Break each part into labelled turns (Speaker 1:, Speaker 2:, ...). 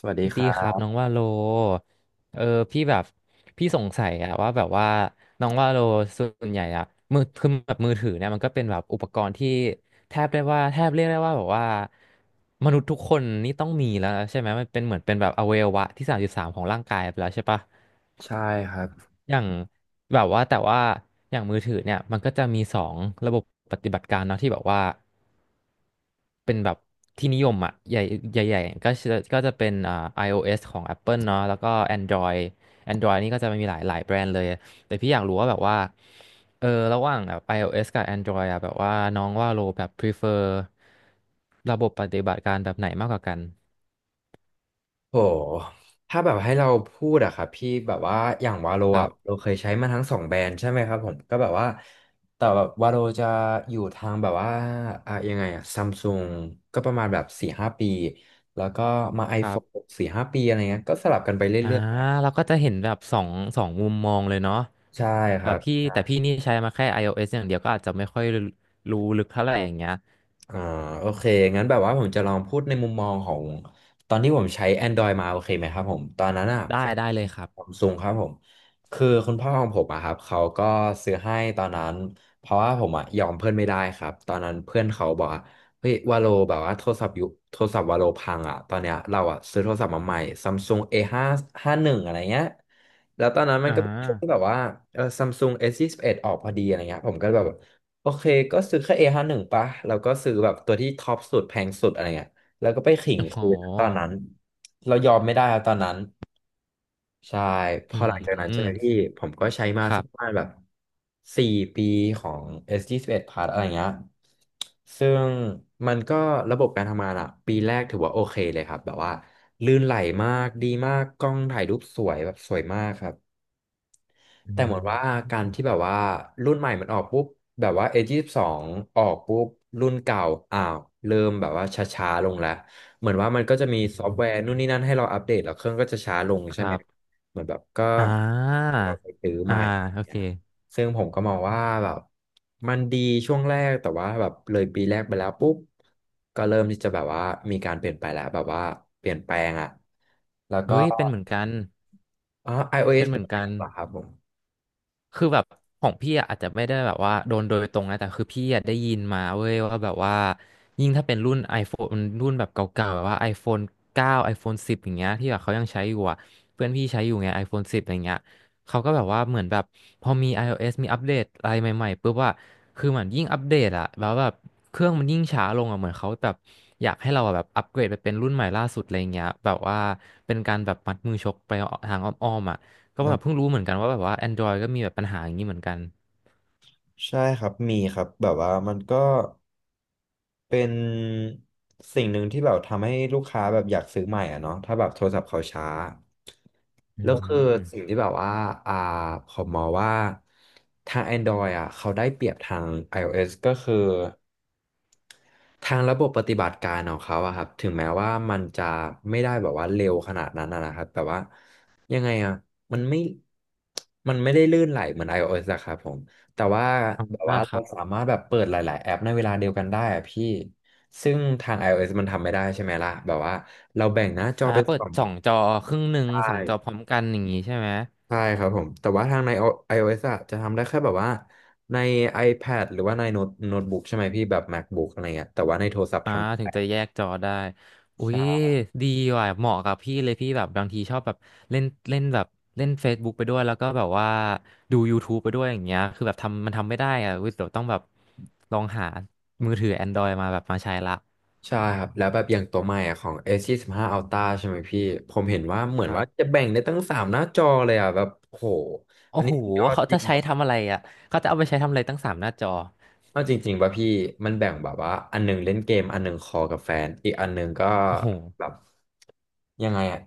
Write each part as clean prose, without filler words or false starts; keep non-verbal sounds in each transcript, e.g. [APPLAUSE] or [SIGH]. Speaker 1: สวัสดีค
Speaker 2: ดี
Speaker 1: รั
Speaker 2: ครับ
Speaker 1: บ
Speaker 2: น้องว่าโลเออพี่แบบพี่สงสัยอะว่าแบบว่าน้องว่าโลส่วนใหญ่อะมือคือแบบมือถือเนี่ยมันก็เป็นแบบอุปกรณ์ที่แทบเรียกได้ว่าแบบว่ามนุษย์ทุกคนนี่ต้องมีแล้วใช่ไหมมันเป็นเหมือนเป็นแบบอวัยวะที่สามสิบสามของร่างกายไปแล้วใช่ปะ
Speaker 1: ใช่ครับ
Speaker 2: อย่างแบบว่าแต่ว่าอย่างมือถือเนี่ยมันก็จะมีสองระบบปฏิบัติการเนาะที่แบบว่า เป็นแบบที่นิยมอ่ะใหญ่ๆก็จะเป็นiOS ของ Apple เนาะแล้วก็ Android นี่ก็จะมีหลายแบรนด์เลยแต่พี่อยากรู้ว่าแบบว่าระหว่างแบบ iOS กับ Android อ่ะแบบว่าน้องว่าโลแบบ prefer ระบบปฏิบัติการแบบไหนมากกว่ากัน
Speaker 1: โหถ้าแบบให้เราพูดอะครับพี่แบบว่าอย่างวาโล
Speaker 2: ครั
Speaker 1: อะเรา
Speaker 2: บ
Speaker 1: เคยใช้มาทั้งสองแบรนด์ใช่ไหมครับผมก็แบบว่าแต่แบบวาโลจะอยู่ทางแบบว่าอะยังไงอะซัมซุงก็ประมาณแบบสี่ห้าปีแล้วก็มา
Speaker 2: ครั
Speaker 1: iPhone
Speaker 2: บ
Speaker 1: สี่ห้าปีอะไรเงี้ยก็สลับกันไป
Speaker 2: อ่า
Speaker 1: เรื่อยๆครับ
Speaker 2: เราก็จะเห็นแบบสองมุมมองเลยเนาะ
Speaker 1: ใช่ค
Speaker 2: แต่
Speaker 1: รับ
Speaker 2: พี่นี่ใช้มาแค่ iOS อย่างเดียวก็อาจจะไม่ค่อยรู้ลึกเท่าไหร่อย่างเงี้ย
Speaker 1: อ่าโอเคงั้นแบบว่าผมจะลองพูดในมุมมองของตอนที่ผมใช้ Android มาโอเคไหมครับผมตอนนั้นอ่ะ
Speaker 2: ได้
Speaker 1: ผม
Speaker 2: เลยครับ
Speaker 1: ผมซุงครับผมคือคุณพ่อของผมอะครับเขาก็ซื้อให้ตอนนั้นเพราะว่าผมอะยอมเพื่อนไม่ได้ครับตอนนั้นเพื่อนเขาบอกว่าเฮ้ยวาโลแบบว่าโทรศัพท์โทรศัพท์วาโลพังอ่ะตอนเนี้ยเราอ่ะซื้อโทรศัพท์มาใหม่ซัมซุง A5 51อดอะไรเงี้ยแล้วตอนนั้นมัน
Speaker 2: อ่า
Speaker 1: ก็เป็นช่วงแบบว่าเออซัมซุงเอสยี่สิบเอ็ดออกพอดีอะไรเงี้ยผมก็แบบ โอเคก็ซื้อแค่ A51 ปะ แล้วก็ซื้อแบบตัวที่ท็อปสุดแพงสุดอะไรเงี้ยแล้วก็ไปขิง
Speaker 2: โอ้โห
Speaker 1: คืนตอนนั้น เรายอมไม่ได้ครับตอนนั้น ใช่ พ
Speaker 2: อื
Speaker 1: อหลังจากนั้นใช่
Speaker 2: ม
Speaker 1: ไหมพี่ ผมก็ใช้มา
Speaker 2: ครั
Speaker 1: สักประ
Speaker 2: บ
Speaker 1: มาณแบบสี่ปีของ S21 Plus อะไรเงี้ยซึ่งมันก็ระบบการทำงานอะปีแรกถือว่าโอเคเลยครับ แบบว่าลื่นไหลมากดีมาก กล้องถ่ายรูปสวยแบบสวยมากครับ
Speaker 2: อื
Speaker 1: แต่เหมือนว่าการ
Speaker 2: ม
Speaker 1: ที่แบบว่ารุ่นใหม่มันออกปุ๊บแบบว่า A22 อยี่สิบสองออกปุ๊บรุ่นเก่าอ้าวเริ่มแบบว่าช้าๆลงแล้วเหมือนว่ามันก็จะมี
Speaker 2: อื
Speaker 1: ซอฟต์แวร์นู่นนี่
Speaker 2: ม
Speaker 1: นั่นให้เราอัปเดตแล้วเครื่องก็จะช้าลง
Speaker 2: ค
Speaker 1: ใช่ไหม
Speaker 2: รับ
Speaker 1: เหมือนแบบก็
Speaker 2: อ่า
Speaker 1: ให้เราไปซื้อให
Speaker 2: อ่า
Speaker 1: ม่อย่า
Speaker 2: โอ
Speaker 1: ง
Speaker 2: เค
Speaker 1: เงี้ยซึ่งผมก็มองว่าแบบมันดีช่วงแรกแต่ว่าแบบเลยปีแรกไปแล้วปุ๊บก็เริ่มที่จะแบบว่ามีการเปลี่ยนไปแล้วแบบว่าเปลี่ยนแปลงอ่ะแล้วก็
Speaker 2: เฮ้ยเป็นเหมือนกัน
Speaker 1: อ๋อ
Speaker 2: เป็
Speaker 1: iOS
Speaker 2: นเห
Speaker 1: เป็
Speaker 2: มื
Speaker 1: น
Speaker 2: อนกั
Speaker 1: ไง
Speaker 2: น
Speaker 1: บ้างครับผม
Speaker 2: คือแบบของพี่อะอาจจะไม่ได้แบบว่าโดนโดยตรงนะแต่คือพี่อะได้ยินมาเว้ยว่าแบบว่ายิ่งถ้าเป็นรุ่น iPhone รุ่นแบบเก่าๆแบบว่า iPhone 9 iPhone 10 อย่างเงี้ยที่แบบเขายังใช้อยู่อะเพื่อนพี่ใช้อยู่ไง iPhone 10อย่างเงี้ยเขาก็แบบว่าเหมือนแบบพอมี iOS มีอัปเดตอะไรใหม่ๆปุ๊บว่าคือเหมือนยิ่งอัปเดตอะแล้วแบบเครื่องมันยิ่งช้าลงอะเหมือนเขาแบบอยากให้เราอะแบบอัปเกรดไปเป็นรุ่นใหม่ล่าสุดอะไรเงี้ยแบบว่าเป็นการแบบมัดมือชกไปทางอ้อมๆอะ ก็แบบเพิ่งรู้เหมือนกันว่าแบบว่า Android ก็มีแบบปัญหาอย่างนี้เหมือนกัน
Speaker 1: ใช่ครับมีครับแบบว่ามันก็เป็นสิ่งหนึ่งที่แบบทำให้ลูกค้าแบบอยากซื้อใหม่อ่ะเนาะถ้าแบบโทรศัพท์เขาช้า
Speaker 2: อื
Speaker 1: แล้วคือสิ่ง
Speaker 2: ม
Speaker 1: ที่แบบว่าอ่าผมมองว่าทาง Android อ่ะเขาได้เปรียบทาง iOS ก็คือ ทางระบบปฏิบัติการของเขาอะครับถึงแม้ว่ามันจะไม่ได้แบบว่าเร็วขนาดนั้นอะนะครับแต่ว่ายังไงอะมันไม่มันไม่ได้ลื่นไหลเหมือน iOS อะครับผมแต่ว่าแบบ
Speaker 2: อ่า
Speaker 1: ว่า
Speaker 2: ค
Speaker 1: เรา
Speaker 2: รับ
Speaker 1: สามารถแบบเปิดหลายๆแอปในเวลาเดียวกันได้อะพี่ซึ่งทาง iOS มันทำไม่ได้ใช่ไหมล่ะแบบว่าเราแบ่งหน้าจอ
Speaker 2: อ่า
Speaker 1: เป็น
Speaker 2: เปิ
Speaker 1: ส
Speaker 2: ด
Speaker 1: อง
Speaker 2: สองจอครึ่งหนึ่
Speaker 1: ใช
Speaker 2: งสองจอพร้
Speaker 1: ่
Speaker 2: อมกันอย่างนี้ใช่ไหม
Speaker 1: ใช่ครับผมแต่ว่าทางใน iOS อะจะทำได้แค่แบบว่าใน iPad หรือว่าในโน้ตบุ๊กใช่ไหมพี่แบบ MacBook อะไรเงี้ยแต่ว่าในโทรศัพท์
Speaker 2: อ่า
Speaker 1: ทำไม่
Speaker 2: ถึงจะ
Speaker 1: ได้
Speaker 2: แยกจอได้ อุ้ย
Speaker 1: ใช่
Speaker 2: ดีว่ะเหมาะกับพี่เลยพี่แบบบางทีชอบแบบเล่นเล่นแบบเล่น Facebook ไปด้วยแล้วก็แบบว่าดู YouTube ไปด้วยอย่างเงี้ยคือแบบทำทำไม่ได้อ่ะอุ๊ยเดี๋ยวต้องแบบลองหามือถือ Android มาแบบมาใช้ละ
Speaker 1: ใช่ครับแล้วแบบอย่างตัวใหม่อะของ a 1 5 Ultra ใช่ไหมพี่ผมเห็นว่าเหมื
Speaker 2: ค
Speaker 1: อน
Speaker 2: รั
Speaker 1: ว่าจะ
Speaker 2: บ
Speaker 1: แบ่งได้ตั้งสามหน้าจอเลยอ่ะแบบโห
Speaker 2: โอ้
Speaker 1: อันนี้
Speaker 2: โห
Speaker 1: สุดยอด
Speaker 2: เขา
Speaker 1: จริ
Speaker 2: จะ
Speaker 1: ง
Speaker 2: ใช้
Speaker 1: แบบ
Speaker 2: ทำอะไรอ่ะเขาจะเอาไปใช้ทำอะไรตั้งสามหน้าจอ
Speaker 1: เอาจริงๆป่ะพี่มันแบ่งแบบว่าอันหนึงเล่นเกมอันหนึงคอลกับแฟนอีกอันหนึงก็
Speaker 2: โอ้โห
Speaker 1: แบบยังไงอ่ะ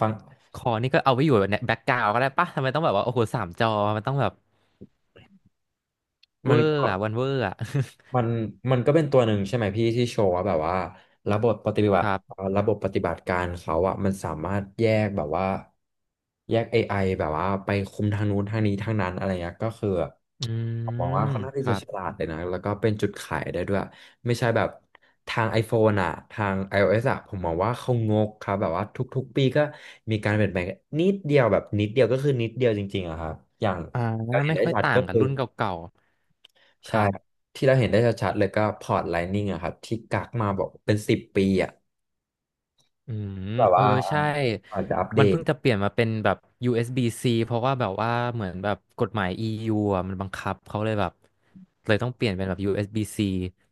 Speaker 1: ฟัง
Speaker 2: คอนี่ก็เอาไว้อยู่แบบแบ็กกราวด์ก็ได้ปะทำไมต้องแบบว่าโอ้โหสามจอมันต้องแบบเว
Speaker 1: มั
Speaker 2: อ
Speaker 1: น
Speaker 2: ร์
Speaker 1: ก็
Speaker 2: อะวันเวอร์อะ
Speaker 1: มันมันก็เป็นตัวหนึ่งใช่ไหมพี่ที่โชว์ว่าแบบว่า
Speaker 2: [LAUGHS] ครับ
Speaker 1: ระบบปฏิบัติการเขาอะมันสามารถแยกแบบว่าแยก AI แบบว่าไปคุมทางนู้นทางนี้ทางนั้นอะไรเงี้ยก็คือ
Speaker 2: อื
Speaker 1: ผมมองว่า
Speaker 2: ม
Speaker 1: ค่อนข้าง
Speaker 2: ค
Speaker 1: ที่
Speaker 2: รั
Speaker 1: จะ
Speaker 2: บ
Speaker 1: ฉลาดเลยนะแล้วก็เป็นจุดขายได้ด้วยไม่ใช่แบบทาง iPhone อะทาง iOS อะผมมองว่าเขางกครับแบบว่าทุกๆปีก็มีการเปลี่ยนแปลงนิดเดียวแบบนิดเดียวก็คือนิดเดียวจริงๆอะครับอย่าง
Speaker 2: อ่า
Speaker 1: เราเห็น
Speaker 2: ไม่
Speaker 1: ได้
Speaker 2: ค่อย
Speaker 1: ชัด
Speaker 2: ต่า
Speaker 1: ก็
Speaker 2: งกับ
Speaker 1: คือ
Speaker 2: รุ่นเก่าๆค
Speaker 1: ใช่
Speaker 2: รับ
Speaker 1: ครับที่เราเห็นได้ชัดๆเลยก็พอร์ตไลนิ่งอะครับที่กักมาบอกเป็นสิบปีอะ
Speaker 2: อืม
Speaker 1: แบบ
Speaker 2: เออ
Speaker 1: ว่า
Speaker 2: ใช่
Speaker 1: อาจจะอัปเด
Speaker 2: มัน
Speaker 1: ต
Speaker 2: เพิ่งจะเปลี่ยนมาเป็นแบบ USB-C เอสบี -C เพราะว่าแบบว่าเหมือนแบบกฎหมาย EU อะมันบังคับเขาเลยแบบเลยต้องเปลี่ยนเป็นแบบ USB-C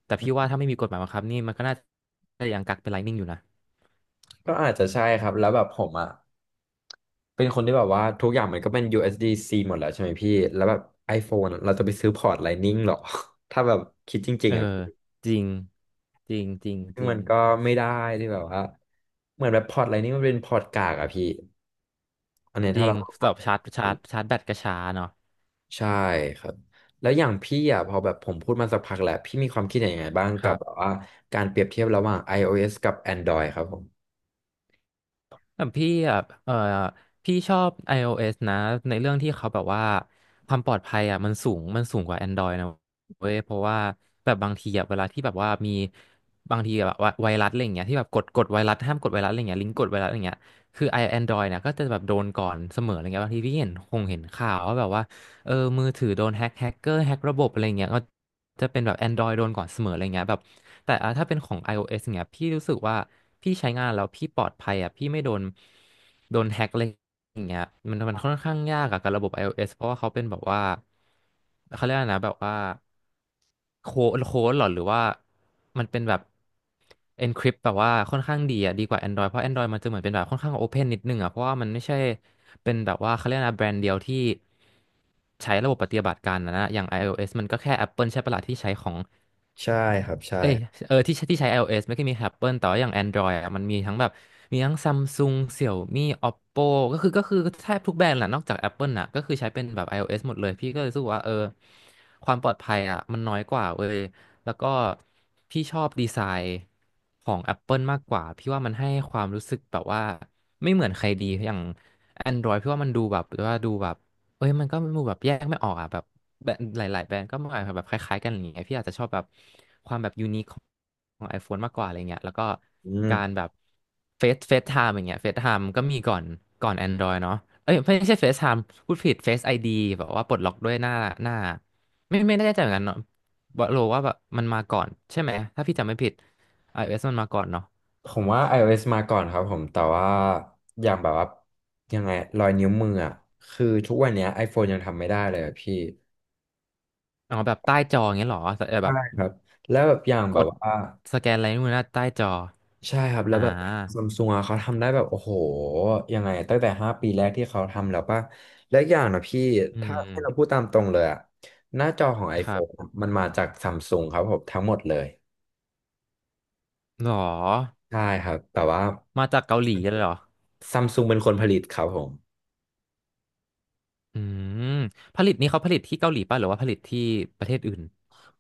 Speaker 2: แต่พี่ว่าถ้าไม่มีกฎหมายบังคับนี่มันก็น่าจะยังกักเป็น Lightning อยู่นะ
Speaker 1: ก็อาจจะใช่ครับแล้วแบบผมอะเป็นคนที่แบบว่าทุกอย่างมันก็เป็น USDC หมดแล้วใช่ไหมพี่แล้วแบบ iPhone อะเราจะไปซื้อพอร์ตไลนิ่งหรอ [LAUGHS] ถ้าแบบคิดจริ
Speaker 2: เอ
Speaker 1: ง
Speaker 2: อ
Speaker 1: ๆอะพี่
Speaker 2: จริงจริงจริง
Speaker 1: ซึ่
Speaker 2: จ
Speaker 1: ง
Speaker 2: ริ
Speaker 1: มั
Speaker 2: ง
Speaker 1: นก็ไม่ได้ที่แบบว่าเหมือนแบบพอร์ตไลนิ่งมันเป็นพอร์ตกากอะพี่อันเนี้ย
Speaker 2: จริ
Speaker 1: ถ้า
Speaker 2: ง
Speaker 1: เรา
Speaker 2: แบบชาร์จชาร์จแบตกระช้าเนาะ
Speaker 1: ใช่ครับแล้วอย่างพี่อ่ะพอแบบผมพูดมาสักพักแล้วพี่มีความคิดเห็นยังไงบ้าง
Speaker 2: ค
Speaker 1: กับ
Speaker 2: รั
Speaker 1: แบบ
Speaker 2: บ
Speaker 1: ว่าการเปรียบเทียบระหว่าง iOS กับ Android ครับผม
Speaker 2: แต่พี่อ่ะเออพี่ชอบ iOS นะในเรื่องที่เขาแบบว่าความปลอดภัยอ่ะมันสูงสูงกว่า Android นะเว้ยเพราะว่าแบบบางทีอ่ะเวลาที่แบบว่ามีบางทีแบบว่าไวรัสอะไรอย่างเงี้ยที่แบบกดไวรัสห้ามกดไวรัสอะไรเงี้ยลิงก์กดไวรัสอะไรเงี้ยคือไอแอนดรอยเนี่ยก็จะแบบโดนก่อนเสมออะไรเงี้ยบางทีพี่เห็นเห็นข่าวว่าแบบว่าเออมือถือโดนแฮ็กแฮกเกอร์แฮ็กระบบอะไรเงี้ยก็จะเป็นแบบ Android โดนก่อนเสมออะไรเงี้ยแบบ แต่อ่ะถ้าเป็นของ iOS เนี่ยพี่รู้สึกว่าพี่ใช้งานแล้วพี่ปลอดภัยอ่ะพี่ไม่โดนแฮ็กอะไรอย่างเงี้ยมันค่อนข้างยากอะกับระบบ iOS เพราะว่าเขาเป็นแบบว่าเขาเรียกอะไรนะแบบว่าโค้ดหรอหรือว่ามันเป็นแบบ encrypt แบบว่าค่อนข้างดีอ่ะดีกว่า Android เพราะ Android มันจะเหมือนเป็นแบบค่อนข้าง open นิดนึงอ่ะเพราะว่ามันไม่ใช่เป็นแบบว่าเขาเรียกอะไรนะแบรนด์เดียวที่ใช้ระบบปฏิบัติการนะอย่าง iOS มันก็แค่ Apple ใช่ปะล่ะที่ใช้ของ
Speaker 1: ใช่ครับใช่
Speaker 2: เอ้ยที่ใช้iOS ไม่ค่อยมี Apple แต่ว่าอย่าง Android อะมันมีทั้งแบบมีทั้ง Samsung Xiaomi Oppo ก็คือแทบทุกแบรนด์แหละนอกจาก Apple น่ะก็คือใช้เป็นแบบ iOS หมดเลยพี่ก็เลยรู้สึกว่าเออความปลอดภัยอ่ะมันน้อยกว่าเว้ยแล้วก็พี่ชอบดีไซน์ของ Apple มากกว่าพี่ว่ามันให้ความรู้สึกแบบว่าไม่เหมือนใครดีอย่าง Android พี่ว่ามันดูแบบว่าดูแบบ เอ้ยมันก็มูแบบแยกไม่ออกอ่ะแบบแบบหลายๆแบรนด์ก็มาแบบคล้ายๆกันอย่างเงี้ยพี่อาจจะชอบแบบความแบบยูนิคของ iPhone มากกว่าอะไรเงี้ยแล้วก็
Speaker 1: อืม
Speaker 2: การแบบเฟซไทม์อย่างเงี้ยเฟซไทม์ก็มีก่อนก่อน Android เนาะเอ้ยไม่ใช่เฟซไทม์พูดผิดเฟซไอดีแบบว่าปลดล็อกด้วยหน้าหน้าไม่แน่ใจเหมือนกันเนาะบอกโลว่าแบบมันมาก่อนใช่ไหมถ้าพี่จำไม่ผิด iOS มันมาก่อนเนาะ
Speaker 1: ผมว่า iOS มาก่อนครับผมแต่ว่าอย่างแบบว่ายังไงรอยนิ้วมืออ่ะคือทุกวันเนี้ย iPhone ยังทำไม่ได้เลยอะพี่
Speaker 2: อ๋อแบบใต้จออย่างเงี้ยเหรอแต่แบ
Speaker 1: ใช่
Speaker 2: บ
Speaker 1: ครับแล้วแบบอย่าง
Speaker 2: ก
Speaker 1: แบบ
Speaker 2: ด
Speaker 1: ว่า
Speaker 2: สแกนอะไรนู่นนะใต้จอ
Speaker 1: ใช่ครับแล้ว
Speaker 2: อ่า
Speaker 1: แบบซัมซุงอ่ะเขาทำได้แบบโอ้โหยังไงตั้งแต่5 ปีแรกที่เขาทำแล้วป่ะและอกอย่างนะพี่
Speaker 2: อื
Speaker 1: ถ้า
Speaker 2: ม
Speaker 1: ให้เราพูดตามตรงเลยอ่ะหน้าจอของ
Speaker 2: ครั
Speaker 1: iPhone อะ
Speaker 2: บ
Speaker 1: มันมาจากซัมซุงครับผมทั้งหมดเลย
Speaker 2: หรอ
Speaker 1: ใช่ครับแต่ว่า
Speaker 2: มาจากเกาหลีเลยเหรอ
Speaker 1: ซัมซุงเป็นคนผลิตครับผม
Speaker 2: อืม ผลิตนี่เขาผลิตที่เกาหลีป่ะหรือว่าผลิตที่ประเทศอื่น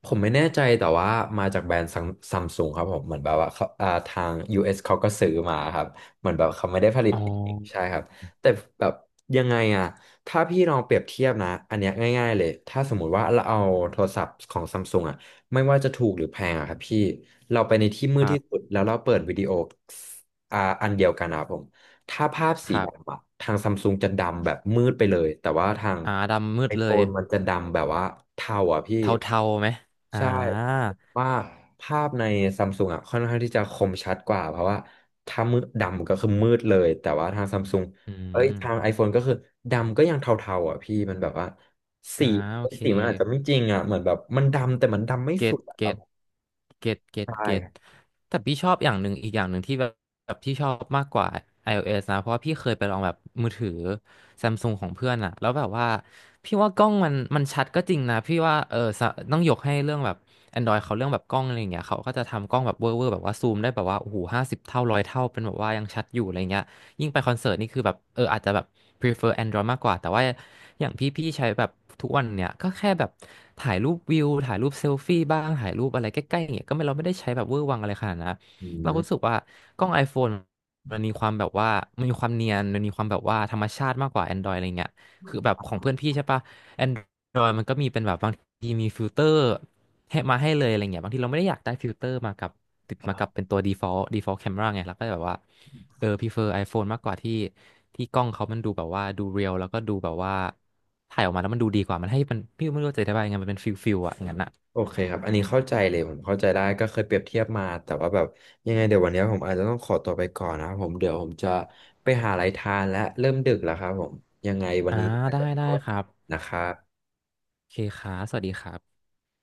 Speaker 1: ผมไม่แน่ใจแต่ว่ามาจากแบรนด์ซัมซุงครับผมเหมือนแบบว่าเขาทาง US เอสเขาก็ซื้อมาครับเหมือนแบบเขาไม่ได้ผลิต
Speaker 2: อ๋อ
Speaker 1: เองใช่ครับแต่แบบยังไงอะถ้าพี่ลองเปรียบเทียบนะอันเนี้ยง่ายๆเลยถ้าสมมติว่าเราเอาโทรศัพท์ของซัมซุงอะไม่ว่าจะถูกหรือแพงอะครับพี่เราไปในที่มื
Speaker 2: ค
Speaker 1: ด
Speaker 2: รั
Speaker 1: ที่สุ
Speaker 2: บ
Speaker 1: ดแล้วเราเปิดวิดีโออ่าอันเดียวกันนะครับผม ถ้าภาพ
Speaker 2: ค
Speaker 1: สี
Speaker 2: รับ
Speaker 1: ดำอะทางซัมซุงจะดำแบบมืดไปเลยแต่ว่าทาง
Speaker 2: อ่าดำมื
Speaker 1: ไอ
Speaker 2: ดเล
Speaker 1: โฟ
Speaker 2: ย
Speaker 1: นมันจะดำแบบว่าเทาอ่ะพี่
Speaker 2: เทาๆไหมอ่
Speaker 1: ใช่
Speaker 2: า
Speaker 1: ว่าภาพในซัมซุงอ่ะค่อนข้างที่จะคมชัดกว่าเพราะว่าถ้ามืดดำก็คือมืดเลยแต่ว่าทางซัมซุง
Speaker 2: อื
Speaker 1: เอ้ย
Speaker 2: ม
Speaker 1: ทาง iPhone ก็คือดำก็ยังเทาๆอ่ะพี่มันแบบว่า
Speaker 2: อ่า
Speaker 1: สี
Speaker 2: โอเค
Speaker 1: สีมันอาจจะไม่จริงอ่ะเหมือนแบบมันดำแต่มันดำไม่
Speaker 2: เก
Speaker 1: สุ
Speaker 2: ต
Speaker 1: ดอ่ะ
Speaker 2: เก
Speaker 1: ครับ
Speaker 2: ตเกตเกต
Speaker 1: ใช่
Speaker 2: เกตแต่พี่ชอบอย่างหนึ่งอีกอย่างหนึ่งที่แบบแบบที่ชอบมากกว่า iOS นะเพราะว่าพี่เคยไปลองแบบมือถือ Samsung ของเพื่อนอะแล้วแบบว่าพี่ว่ากล้องมันชัดก็จริงนะพี่ว่าเออสะต้องยกให้เรื่องแบบ Android เขาเรื่องแบบกล้องอะไรอย่างเงี้ยเขาก็จะทำกล้องแบบเวอร์แบบว่าซูมได้แบบว่าโอ้โหห้าสิบเท่าร้อยเท่าเป็นแบบว่ายังชัดอยู่อะไรเงี้ย ยิ่งไปคอนเสิร์ตนี่คือแบบเอออาจจะแบบ prefer Android มากกว่าแต่ว่าอย่างพี่ใช้แบบทุกวันเนี่ยก็แค่แบบถ่ายรูปวิวถ่ายรูปเซลฟี่บ้างถ่ายรูปอะไรใกล้ๆอย่างเงี้ยก็ไม่เราไม่ได้ใช้แบบเวอร์วังอะไรขนาดนั้นนะ
Speaker 1: อื
Speaker 2: เราก็รู้
Speaker 1: ม
Speaker 2: สึกว่ากล้อง iPhone มันมีความแบบว่ามันมีความเนียนมันมีความแบบว่าธรรมชาติมากกว่า Android อะไรเงี้ยคือแบบของเพื่อนพี่ใช่ปะ Android มันก็มีเป็นแบบบางทีมีฟิลเตอร์ให้มาให้เลยอะไรเงี้ยบางทีเราไม่ได้อยากได้ฟิลเตอร์มากับติดมากับเป็นตัว default camera ไงเราก็แบบว่า เออพ r เฟอร์ iPhone มากกว่าที่กล้องเขามันดูแบบว่าดูเรียลแล้วก็ดูแบบว่าถ่ายออกมาแล้วมันดูดีกว่ามันให้มันพี่ไม่รู้จะอธิบายยังไงมันเป็นฟิลอะงั้นอะ
Speaker 1: โอเคครับ อันนี้เข้าใจเลยผมเข้าใจได้ก็เคยเปรียบเทียบมาแต่ว่าแบบยังไงเดี๋ยววันนี้ผมอาจจะต้องขอตัวไปก่อนนะครับผมเดี๋ยวผมจะไปหาอะไรทานและเริ่มดึกแล้วครับผมยังไงวัน
Speaker 2: อ่า
Speaker 1: นี้อาจ
Speaker 2: ได้
Speaker 1: จะข
Speaker 2: ได้
Speaker 1: อ
Speaker 2: ครับ
Speaker 1: นะครับ
Speaker 2: โอเคครับสวัสดีครับ